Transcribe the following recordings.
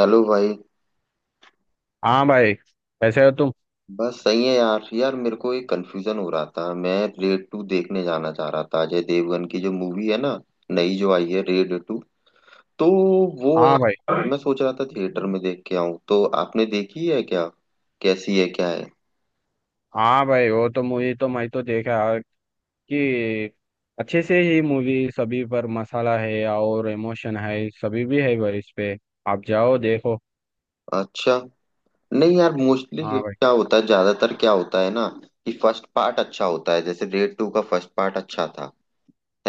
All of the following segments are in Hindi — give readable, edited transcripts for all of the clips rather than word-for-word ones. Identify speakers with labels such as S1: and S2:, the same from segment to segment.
S1: हेलो भाई।
S2: हाँ भाई, कैसे हो तुम।
S1: बस सही है यार यार मेरे को एक कंफ्यूजन हो रहा था। मैं रेड टू देखने जाना चाह रहा था, अजय देवगन की जो मूवी है ना, नई जो आई है रेड टू। तो वो
S2: हाँ भाई।
S1: यार मैं सोच रहा था थिएटर में देख के आऊं, तो आपने देखी है क्या? कैसी है, क्या है?
S2: हाँ भाई, वो तो मूवी तो मैं तो देखा कि अच्छे से ही मूवी। सभी पर मसाला है और इमोशन है, सभी भी है भाई। इस पे आप जाओ देखो।
S1: अच्छा। नहीं यार, मोस्टली
S2: हाँ भाई।
S1: क्या होता है, ज्यादातर क्या होता है ना, कि फर्स्ट पार्ट अच्छा होता है। जैसे रेड टू का फर्स्ट पार्ट अच्छा था,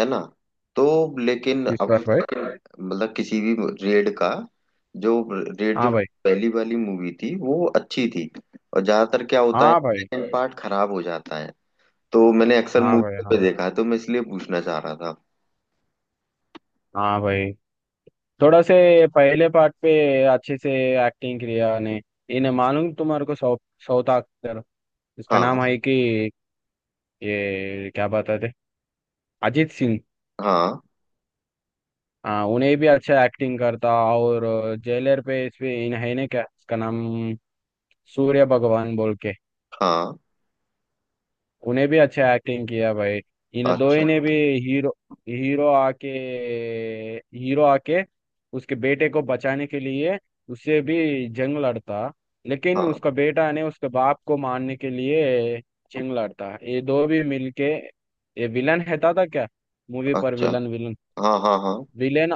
S1: है ना? तो लेकिन
S2: किस
S1: अब
S2: पर भाई?
S1: तक मतलब किसी भी रेड का, जो रेड जो
S2: हाँ भाई।
S1: पहली वाली मूवी थी वो अच्छी थी। और ज्यादातर क्या होता है,
S2: हाँ भाई।
S1: सेकंड पार्ट खराब हो जाता है। तो मैंने अक्सर
S2: हाँ भाई।
S1: मूवी पे
S2: हाँ।
S1: देखा है, तो मैं इसलिए पूछना चाह रहा था।
S2: हाँ भाई, थोड़ा से पहले पार्ट पे अच्छे से एक्टिंग किया ने। इन्हें मालूम, तुम्हारे को साउथ, साउथ एक्टर, इसका
S1: हाँ,
S2: नाम है कि ये क्या बताते, अजीत सिंह।
S1: हाँ,
S2: हाँ, उन्हें भी अच्छा एक्टिंग करता। और जेलर पे इस पे इन है ने, क्या इसका नाम, सूर्य भगवान बोल के।
S1: हाँ।
S2: उन्हें भी अच्छा एक्टिंग किया भाई। इन दो
S1: अच्छा।
S2: ने भी हीरो, हीरो आके, हीरो आके उसके बेटे को बचाने के लिए उससे भी जंग लड़ता। लेकिन
S1: हाँ।
S2: उसका बेटा ने उसके बाप को मारने के लिए जंग लड़ता, ये दो भी मिलके। ये विलन है था क्या, मूवी पर
S1: अच्छा।
S2: विलन। विलन
S1: हाँ, हाँ, हाँ।
S2: विलेन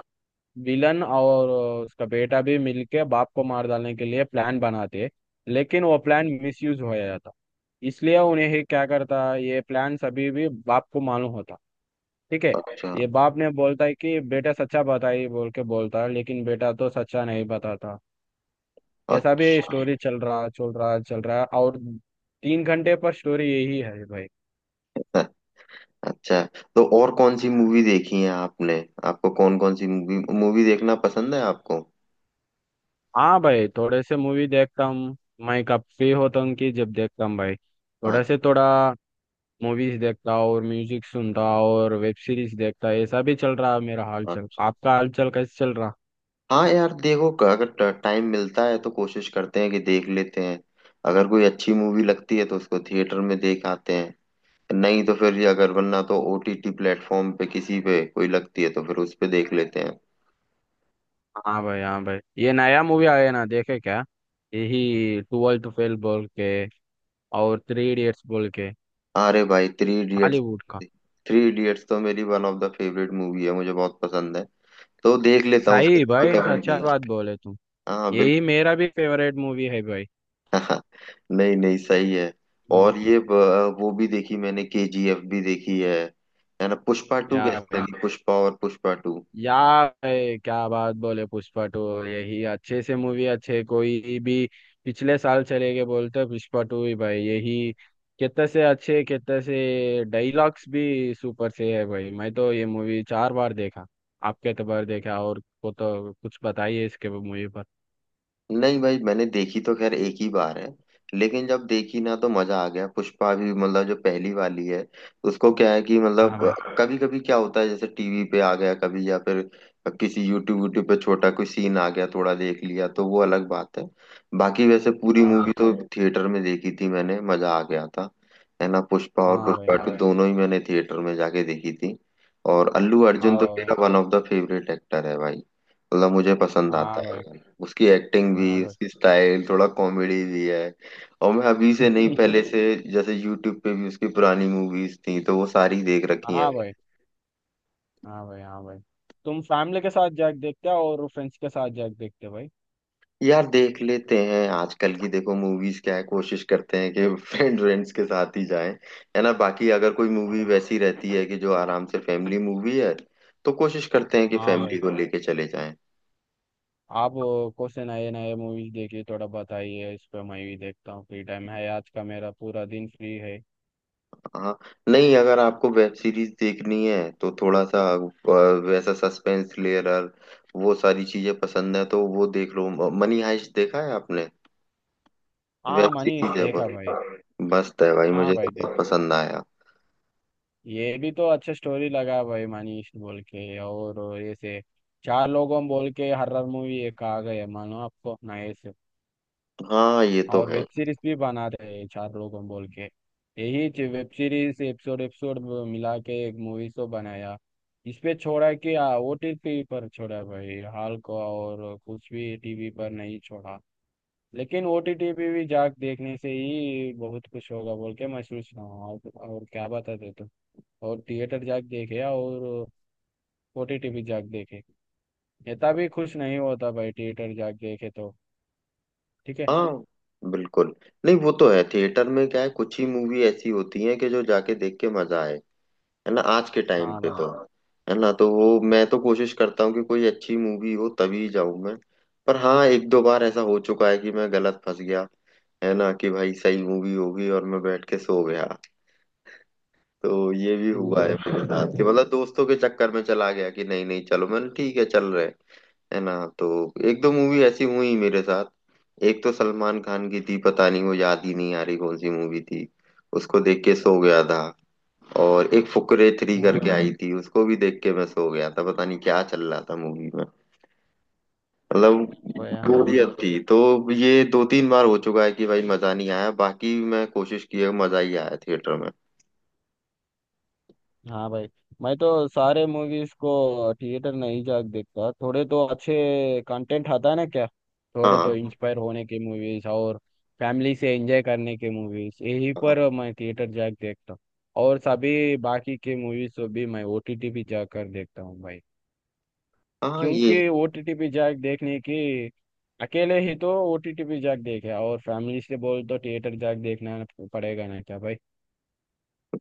S2: विलन और उसका बेटा भी मिलके बाप को मार डालने के लिए प्लान बनाते। लेकिन वो प्लान मिसयूज हो जाता। इसलिए उन्हें ही क्या करता, ये प्लान सभी भी बाप को मालूम होता। ठीक है।
S1: अच्छा।
S2: ये बाप ने बोलता है कि बेटा सच्चा बताइए बोल के बोलता है, लेकिन बेटा तो सच्चा नहीं बताता। ऐसा भी
S1: अच्छा।
S2: स्टोरी चल रहा चल रहा और 3 घंटे पर स्टोरी यही है भाई।
S1: अच्छा। तो और कौन सी मूवी देखी है आपने? आपको कौन कौन सी मूवी मूवी देखना पसंद है आपको?
S2: हाँ भाई, थोड़े से मूवी देखता हूँ। मैं कब फ्री होता हूँ कि जब देखता हूँ भाई, थोड़ा
S1: अच्छा।
S2: से थोड़ा मूवीज देखता और म्यूजिक सुनता और वेब सीरीज देखता, ऐसा भी चल रहा है। मेरा हाल चल,
S1: अच्छा।
S2: आपका हाल चल कैसे चल रहा।
S1: हाँ यार देखो, अगर टाइम मिलता है तो कोशिश करते हैं कि देख लेते हैं। अगर कोई अच्छी मूवी लगती है तो उसको थिएटर में देख आते हैं। नहीं तो फिर ये अगर वरना तो ओटीटी प्लेटफॉर्म पे किसी पे कोई लगती है तो फिर उस पे देख लेते हैं।
S2: हाँ भाई। हाँ भाई, ये नया मूवी आया है ना, देखे क्या, यही ट्वेल्थ टू फेल बोल के और थ्री इडियट्स बोल के,
S1: अरे भाई थ्री इडियट्स।
S2: हॉलीवुड का।
S1: थ्री इडियट्स तो मेरी one of the favourite movie है, मुझे बहुत पसंद है। तो देख लेता हूँ
S2: सही
S1: उसको
S2: भाई,
S1: कभी
S2: सच्चा
S1: भी।
S2: बात बोले तुम।
S1: हाँ।
S2: यही मेरा भी फेवरेट मूवी है भाई।
S1: नहीं, नहीं, सही है।
S2: हम्म,
S1: और ये वो भी देखी मैंने, केजीएफ भी देखी है ना? पुष्पा टू
S2: या
S1: कैसी
S2: भाई।
S1: लगी? पुष्पा और पुष्पा टू।
S2: यार क्या बात बोले, पुष्पा टू यही अच्छे से मूवी, अच्छे कोई भी। पिछले साल चले गए बोलते, पुष्पा टू ही भाई यही। कितने से अच्छे, कितने से डायलॉग्स भी सुपर से है भाई। मैं तो ये मूवी 4 बार देखा। आपके एतबार देखा, और को तो कुछ बताइए इसके मूवी पर।
S1: नहीं भाई, मैंने देखी तो खैर एक ही बार है, लेकिन जब देखी ना तो मजा आ गया। पुष्पा भी मतलब जो पहली वाली है, उसको क्या है कि मतलब
S2: हाँ भाई।
S1: कभी कभी क्या होता है, जैसे टीवी पे आ गया कभी, या फिर किसी यूट्यूब यूट्यूब पे छोटा कोई सीन आ गया, थोड़ा देख लिया, तो वो अलग बात है। बाकी वैसे पूरी
S2: हाँ
S1: मूवी
S2: भाई।
S1: तो थिएटर में देखी थी मैंने, मजा आ गया था। है ना? पुष्पा और
S2: हाँ
S1: पुष्पा
S2: भाई।
S1: टू दोनों ही मैंने थिएटर में जाके देखी थी। और अल्लू अर्जुन तो
S2: आओ।
S1: मेरा one of the favourite actor है भाई। मतलब मुझे पसंद आता
S2: हाँ भाई।
S1: है, उसकी एक्टिंग भी,
S2: हाँ भाई।
S1: उसकी स्टाइल, थोड़ा कॉमेडी भी है। और मैं अभी से नहीं, पहले से, जैसे यूट्यूब पे भी उसकी पुरानी मूवीज थी तो वो सारी देख रखी
S2: हाँ
S1: है।
S2: भाई। हाँ भाई। हाँ भाई, तुम फैमिली के साथ जाके देखते हो और फ्रेंड्स के साथ जाके देखते हो भाई?
S1: यार देख लेते हैं, आजकल की देखो मूवीज क्या है, कोशिश करते हैं कि फ्रेंड्स के साथ ही जाएं, है ना? बाकी अगर कोई
S2: हाँ
S1: मूवी
S2: भाई।
S1: वैसी रहती है कि जो आराम से फैमिली मूवी है, तो कोशिश करते हैं कि
S2: हाँ
S1: फैमिली
S2: भाई।
S1: को लेके चले जाएं।
S2: आप को से नए नए मूवीज देखिए, थोड़ा बताइए इस पे, मैं भी देखता हूँ। फ्री टाइम है, आज का मेरा पूरा दिन फ्री है।
S1: हाँ। नहीं, अगर आपको वेब सीरीज देखनी है तो थोड़ा सा वैसा सस्पेंस थ्रिलर, वो सारी चीजें पसंद है तो वो देख लो। मनी हाइस्ट देखा है आपने? वेब
S2: हाँ, मनीष
S1: सीरीज है
S2: देखा
S1: पर
S2: भाई।
S1: मस्त है भाई,
S2: हाँ
S1: मुझे तो
S2: भाई, देख,
S1: बहुत पसंद आया।
S2: ये भी तो अच्छा स्टोरी लगा भाई, मनीष बोल के और ऐसे चार लोगों बोल के हर्रर मूवी एक आ गए मानो, आपको नए से।
S1: हाँ ये तो
S2: और
S1: है।
S2: वेब सीरीज भी बना रहे हैं चार लोग हम बोल के, यही वेब सीरीज एपिसोड एपिसोड मिला के एक मूवी शो बनाया। इस पे छोड़ा कि ओटीटी पर छोड़ा भाई, हाल को, और कुछ भी टीवी पर नहीं छोड़ा। लेकिन ओटीटी पे भी जाके देखने से ही बहुत कुछ होगा बोल के मैं सोच रहा हूँ, और क्या बताते तुम। और थिएटर जाके देखे, और ओटीटी भी जाके देखे। इतना भी खुश नहीं होता भाई, थिएटर जाके देखे तो। ठीक है।
S1: हाँ, बिल्कुल। नहीं वो तो है, थिएटर में क्या है, कुछ ही मूवी ऐसी होती है कि जो जाके देख के मजा आए। है ना? आज के टाइम
S2: हाँ
S1: पे
S2: भाई।
S1: तो। हाँ। है ना? तो वो मैं तो कोशिश करता हूँ कि कोई अच्छी मूवी हो तभी जाऊं मैं। पर हाँ, एक दो बार ऐसा हो चुका है कि मैं गलत फंस गया। है ना? कि भाई सही मूवी होगी और मैं बैठ के सो गया। तो ये भी
S2: ठीक
S1: हुआ है
S2: है।
S1: मेरे साथ, कि मतलब दोस्तों के चक्कर में चला गया कि नहीं, नहीं, चलो, मैंने ठीक है चल रहे। है ना? तो एक दो मूवी ऐसी हुई मेरे साथ। एक तो सलमान खान की थी, पता नहीं वो याद ही नहीं आ रही कौन सी मूवी थी, उसको देख के सो गया था। और एक फुकरे थ्री
S2: हाँ
S1: करके आई थी, उसको भी देख के मैं सो गया था, पता नहीं क्या चल रहा था मूवी में।
S2: भाई।
S1: मतलब
S2: हाँ भाई।
S1: बोरियत थी। तो ये दो तीन बार हो चुका है कि भाई मजा नहीं आया, बाकी मैं कोशिश की है मजा ही आया थिएटर में।
S2: हाँ भाई। मैं तो सारे मूवीज को थिएटर नहीं जाके देखता। थोड़े तो अच्छे कंटेंट आता है ना क्या, थोड़े तो
S1: हाँ,
S2: इंस्पायर होने के मूवीज और फैमिली से एंजॉय करने के मूवीज, यही
S1: हाँ,
S2: पर मैं थिएटर जाके देखता हूँ। और सभी बाकी के मूवीज को भी मैं ओटीटी पे जाकर देखता हूँ भाई।
S1: हाँ। ये।
S2: क्योंकि ओटीटी पे जाके देखने की अकेले ही तो ओटीटी पे जाके देखे, और फैमिली से बोल तो थिएटर जाके देखना पड़ेगा ना क्या भाई।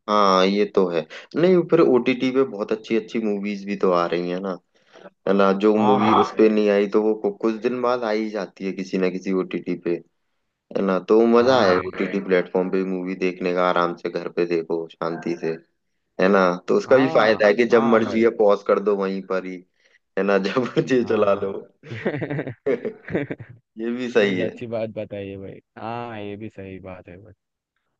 S1: हाँ ये तो है। नहीं, फिर ओटीटी पे बहुत अच्छी अच्छी मूवीज भी तो आ रही है ना। है ना? जो
S2: हाँ
S1: मूवी
S2: भाई।
S1: उस पे नहीं आई तो वो कुछ दिन बाद आ ही जाती है किसी ना किसी ओटीटी पे। है ना? तो मजा
S2: हाँ
S1: आया
S2: भाई।
S1: ओटीटी प्लेटफॉर्म पे मूवी देखने का, आराम से घर पे देखो, शांति से। है ना? तो उसका भी
S2: हाँ।
S1: फायदा है कि जब
S2: हाँ भाई।
S1: मर्जी है पॉज कर दो वहीं पर ही। है ना? जब मर्जी
S2: हाँ
S1: चला
S2: भाई।
S1: लो। ये भी सही
S2: तुमने
S1: है।
S2: अच्छी बात बताई है भाई। हाँ, ये भी सही बात है भाई।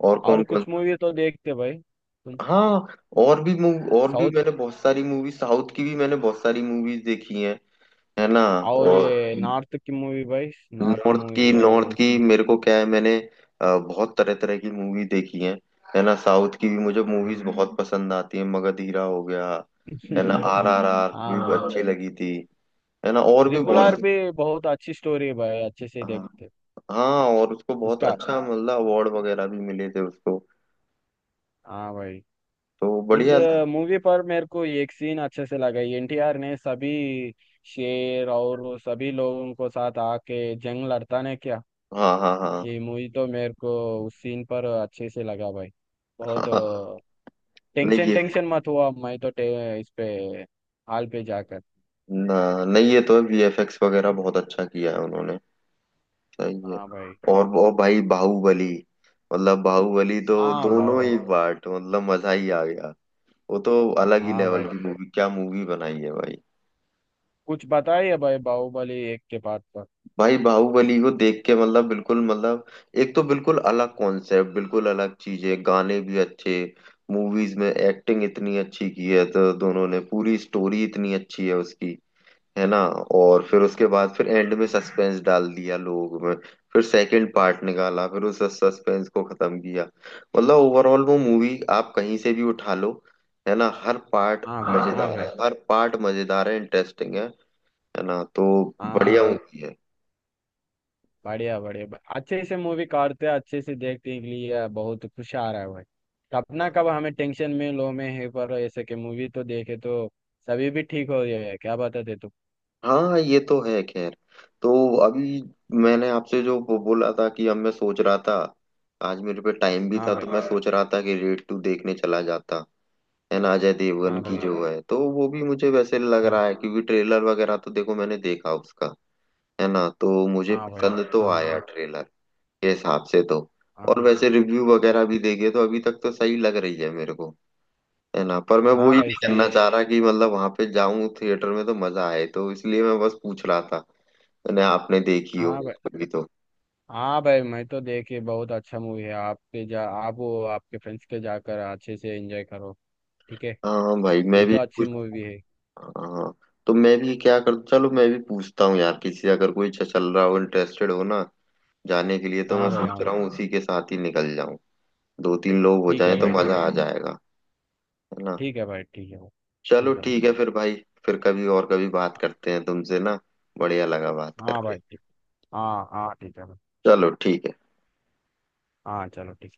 S1: और
S2: और
S1: कौन कौन।
S2: कुछ मूवी तो देखते भाई तुम?
S1: हाँ। और भी मूव, और भी
S2: साउथ।
S1: मैंने बहुत सारी मूवी, साउथ की भी मैंने बहुत सारी मूवीज देखी हैं। है ना?
S2: और
S1: और
S2: ये नॉर्थ की मूवी भाई, नॉर्थ
S1: नॉर्थ की,
S2: मूवी
S1: नॉर्थ
S2: और।
S1: की मेरे को क्या है, मैंने बहुत तरह तरह की मूवी देखी हैं। है ना? साउथ की भी मुझे
S2: हाँ भाई।
S1: मूवीज बहुत पसंद आती हैं। मगधीरा हो गया, है ना? आर आर आर
S2: हाँ
S1: भी
S2: भाई,
S1: अच्छी लगी थी। है ना? और भी
S2: ट्रिपल आर
S1: बहुत।
S2: पे बहुत अच्छी स्टोरी है भाई, अच्छे से देखते।
S1: हाँ, और उसको बहुत
S2: उसका।
S1: अच्छा मतलब अवार्ड वगैरह भी मिले थे उसको,
S2: हाँ भाई।
S1: तो
S2: इस
S1: बढ़िया था।
S2: मूवी पर मेरे को एक सीन अच्छे से लगा, एनटीआर ने सभी शेर और सभी लोगों को साथ आके जंग लड़ता ने क्या।
S1: हाँ, हाँ,
S2: ये
S1: हाँ।
S2: मूवी तो मेरे को उस सीन पर अच्छे से लगा भाई, बहुत।
S1: हाँ। नहीं,
S2: टेंशन
S1: ये।
S2: टेंशन मत हुआ, मैं तो इस पे हाल पे जाकर।
S1: ना, नहीं ये तो वीएफएक्स वगैरह बहुत अच्छा किया है उन्होंने। सही है।
S2: हाँ भाई।
S1: और वो भाई बाहुबली, मतलब बाहुबली तो
S2: हाँ,
S1: दोनों
S2: बाहुबली।
S1: ही पार्ट, मतलब मजा ही आ गया। वो तो अलग ही
S2: हाँ भाई।
S1: लेवल की मूवी, क्या मूवी बनाई है भाई।
S2: कुछ बताइए भाई बाहुबली एक के पार्ट पर।
S1: भाई बाहुबली को देख के, मतलब बिल्कुल, मतलब एक तो बिल्कुल अलग कॉन्सेप्ट, बिल्कुल अलग चीजें, गाने भी अच्छे, मूवीज में एक्टिंग इतनी अच्छी की है तो दोनों ने, पूरी स्टोरी इतनी अच्छी है उसकी। है ना? और फिर उसके बाद फिर एंड में सस्पेंस डाल दिया लोग में, फिर सेकंड पार्ट निकाला, फिर उस सस्पेंस को खत्म किया। मतलब ओवरऑल वो मूवी आप कहीं से भी उठा लो, है ना, हर पार्ट
S2: हाँ भाई। हाँ भाई। हाँ
S1: मजेदार है,
S2: भाई।
S1: हर पार्ट मजेदार है, इंटरेस्टिंग है। है ना? तो
S2: हाँ
S1: बढ़िया
S2: भाई।
S1: मूवी है।
S2: बढ़िया बढ़िया, अच्छे से मूवी काटते, अच्छे से देखने के लिए बहुत खुश आ रहा है भाई। कब ना कब हमें टेंशन में लो में है, पर ऐसे के मूवी तो देखे तो सभी भी ठीक हो जाए, क्या बताते तुम।
S1: हाँ ये तो है। खैर तो अभी मैंने आपसे जो वो बोला था कि अब मैं सोच रहा था, आज मेरे पे टाइम भी
S2: हाँ
S1: था
S2: भाई।
S1: तो मैं सोच रहा था कि रेड टू देखने चला जाता। है ना? अजय देवगन
S2: हाँ
S1: की
S2: भाई।
S1: जो है, तो वो भी मुझे वैसे लग
S2: हाँ।
S1: रहा है, क्योंकि ट्रेलर वगैरह तो देखो मैंने देखा उसका। है ना? तो मुझे
S2: हाँ भाई।
S1: पसंद तो
S2: हाँ भाई।
S1: आया ट्रेलर के हिसाब से तो। और
S2: हाँ।
S1: वैसे रिव्यू वगैरह भी देखे तो अभी तक तो सही लग रही है मेरे को। है ना? पर मैं वो
S2: हाँ
S1: ही
S2: भाई,
S1: नहीं करना
S2: सही।
S1: चाह रहा कि मतलब वहां पे जाऊं थिएटर में तो मजा आए, तो इसलिए मैं बस पूछ रहा था ना आपने देखी हो
S2: हाँ भाई।
S1: कभी तो।
S2: हाँ भाई, मैं तो देखे बहुत अच्छा मूवी है। आप पे जा, आप वो आपके फ्रेंड्स के जाकर अच्छे से एंजॉय करो। ठीक है।
S1: हाँ भाई। मैं
S2: ये
S1: भी
S2: तो अच्छी
S1: कुछ।
S2: मूवी है।
S1: हाँ। तो मैं भी क्या कर, चलो मैं भी पूछता हूँ यार किसी से, अगर कोई चल रहा हो, इंटरेस्टेड हो ना जाने के लिए, तो
S2: हाँ
S1: मैं
S2: भाई। हाँ
S1: सोच
S2: भाई।
S1: रहा हूँ उसी के साथ ही निकल जाऊं। दो तीन लोग हो
S2: ठीक
S1: जाए
S2: है
S1: तो
S2: भाई, ठीक है।
S1: मजा आ जाएगा। है ना?
S2: ठीक है भाई। ठीक है भाई।
S1: चलो
S2: ठीक है भाई।
S1: ठीक है फिर भाई। फिर कभी और कभी बात करते हैं तुमसे ना, बढ़िया लगा बात
S2: हाँ
S1: करके।
S2: भाई, ठीक। हाँ हाँ, ठीक है भाई।
S1: चलो ठीक है।
S2: हाँ चलो, ठीक।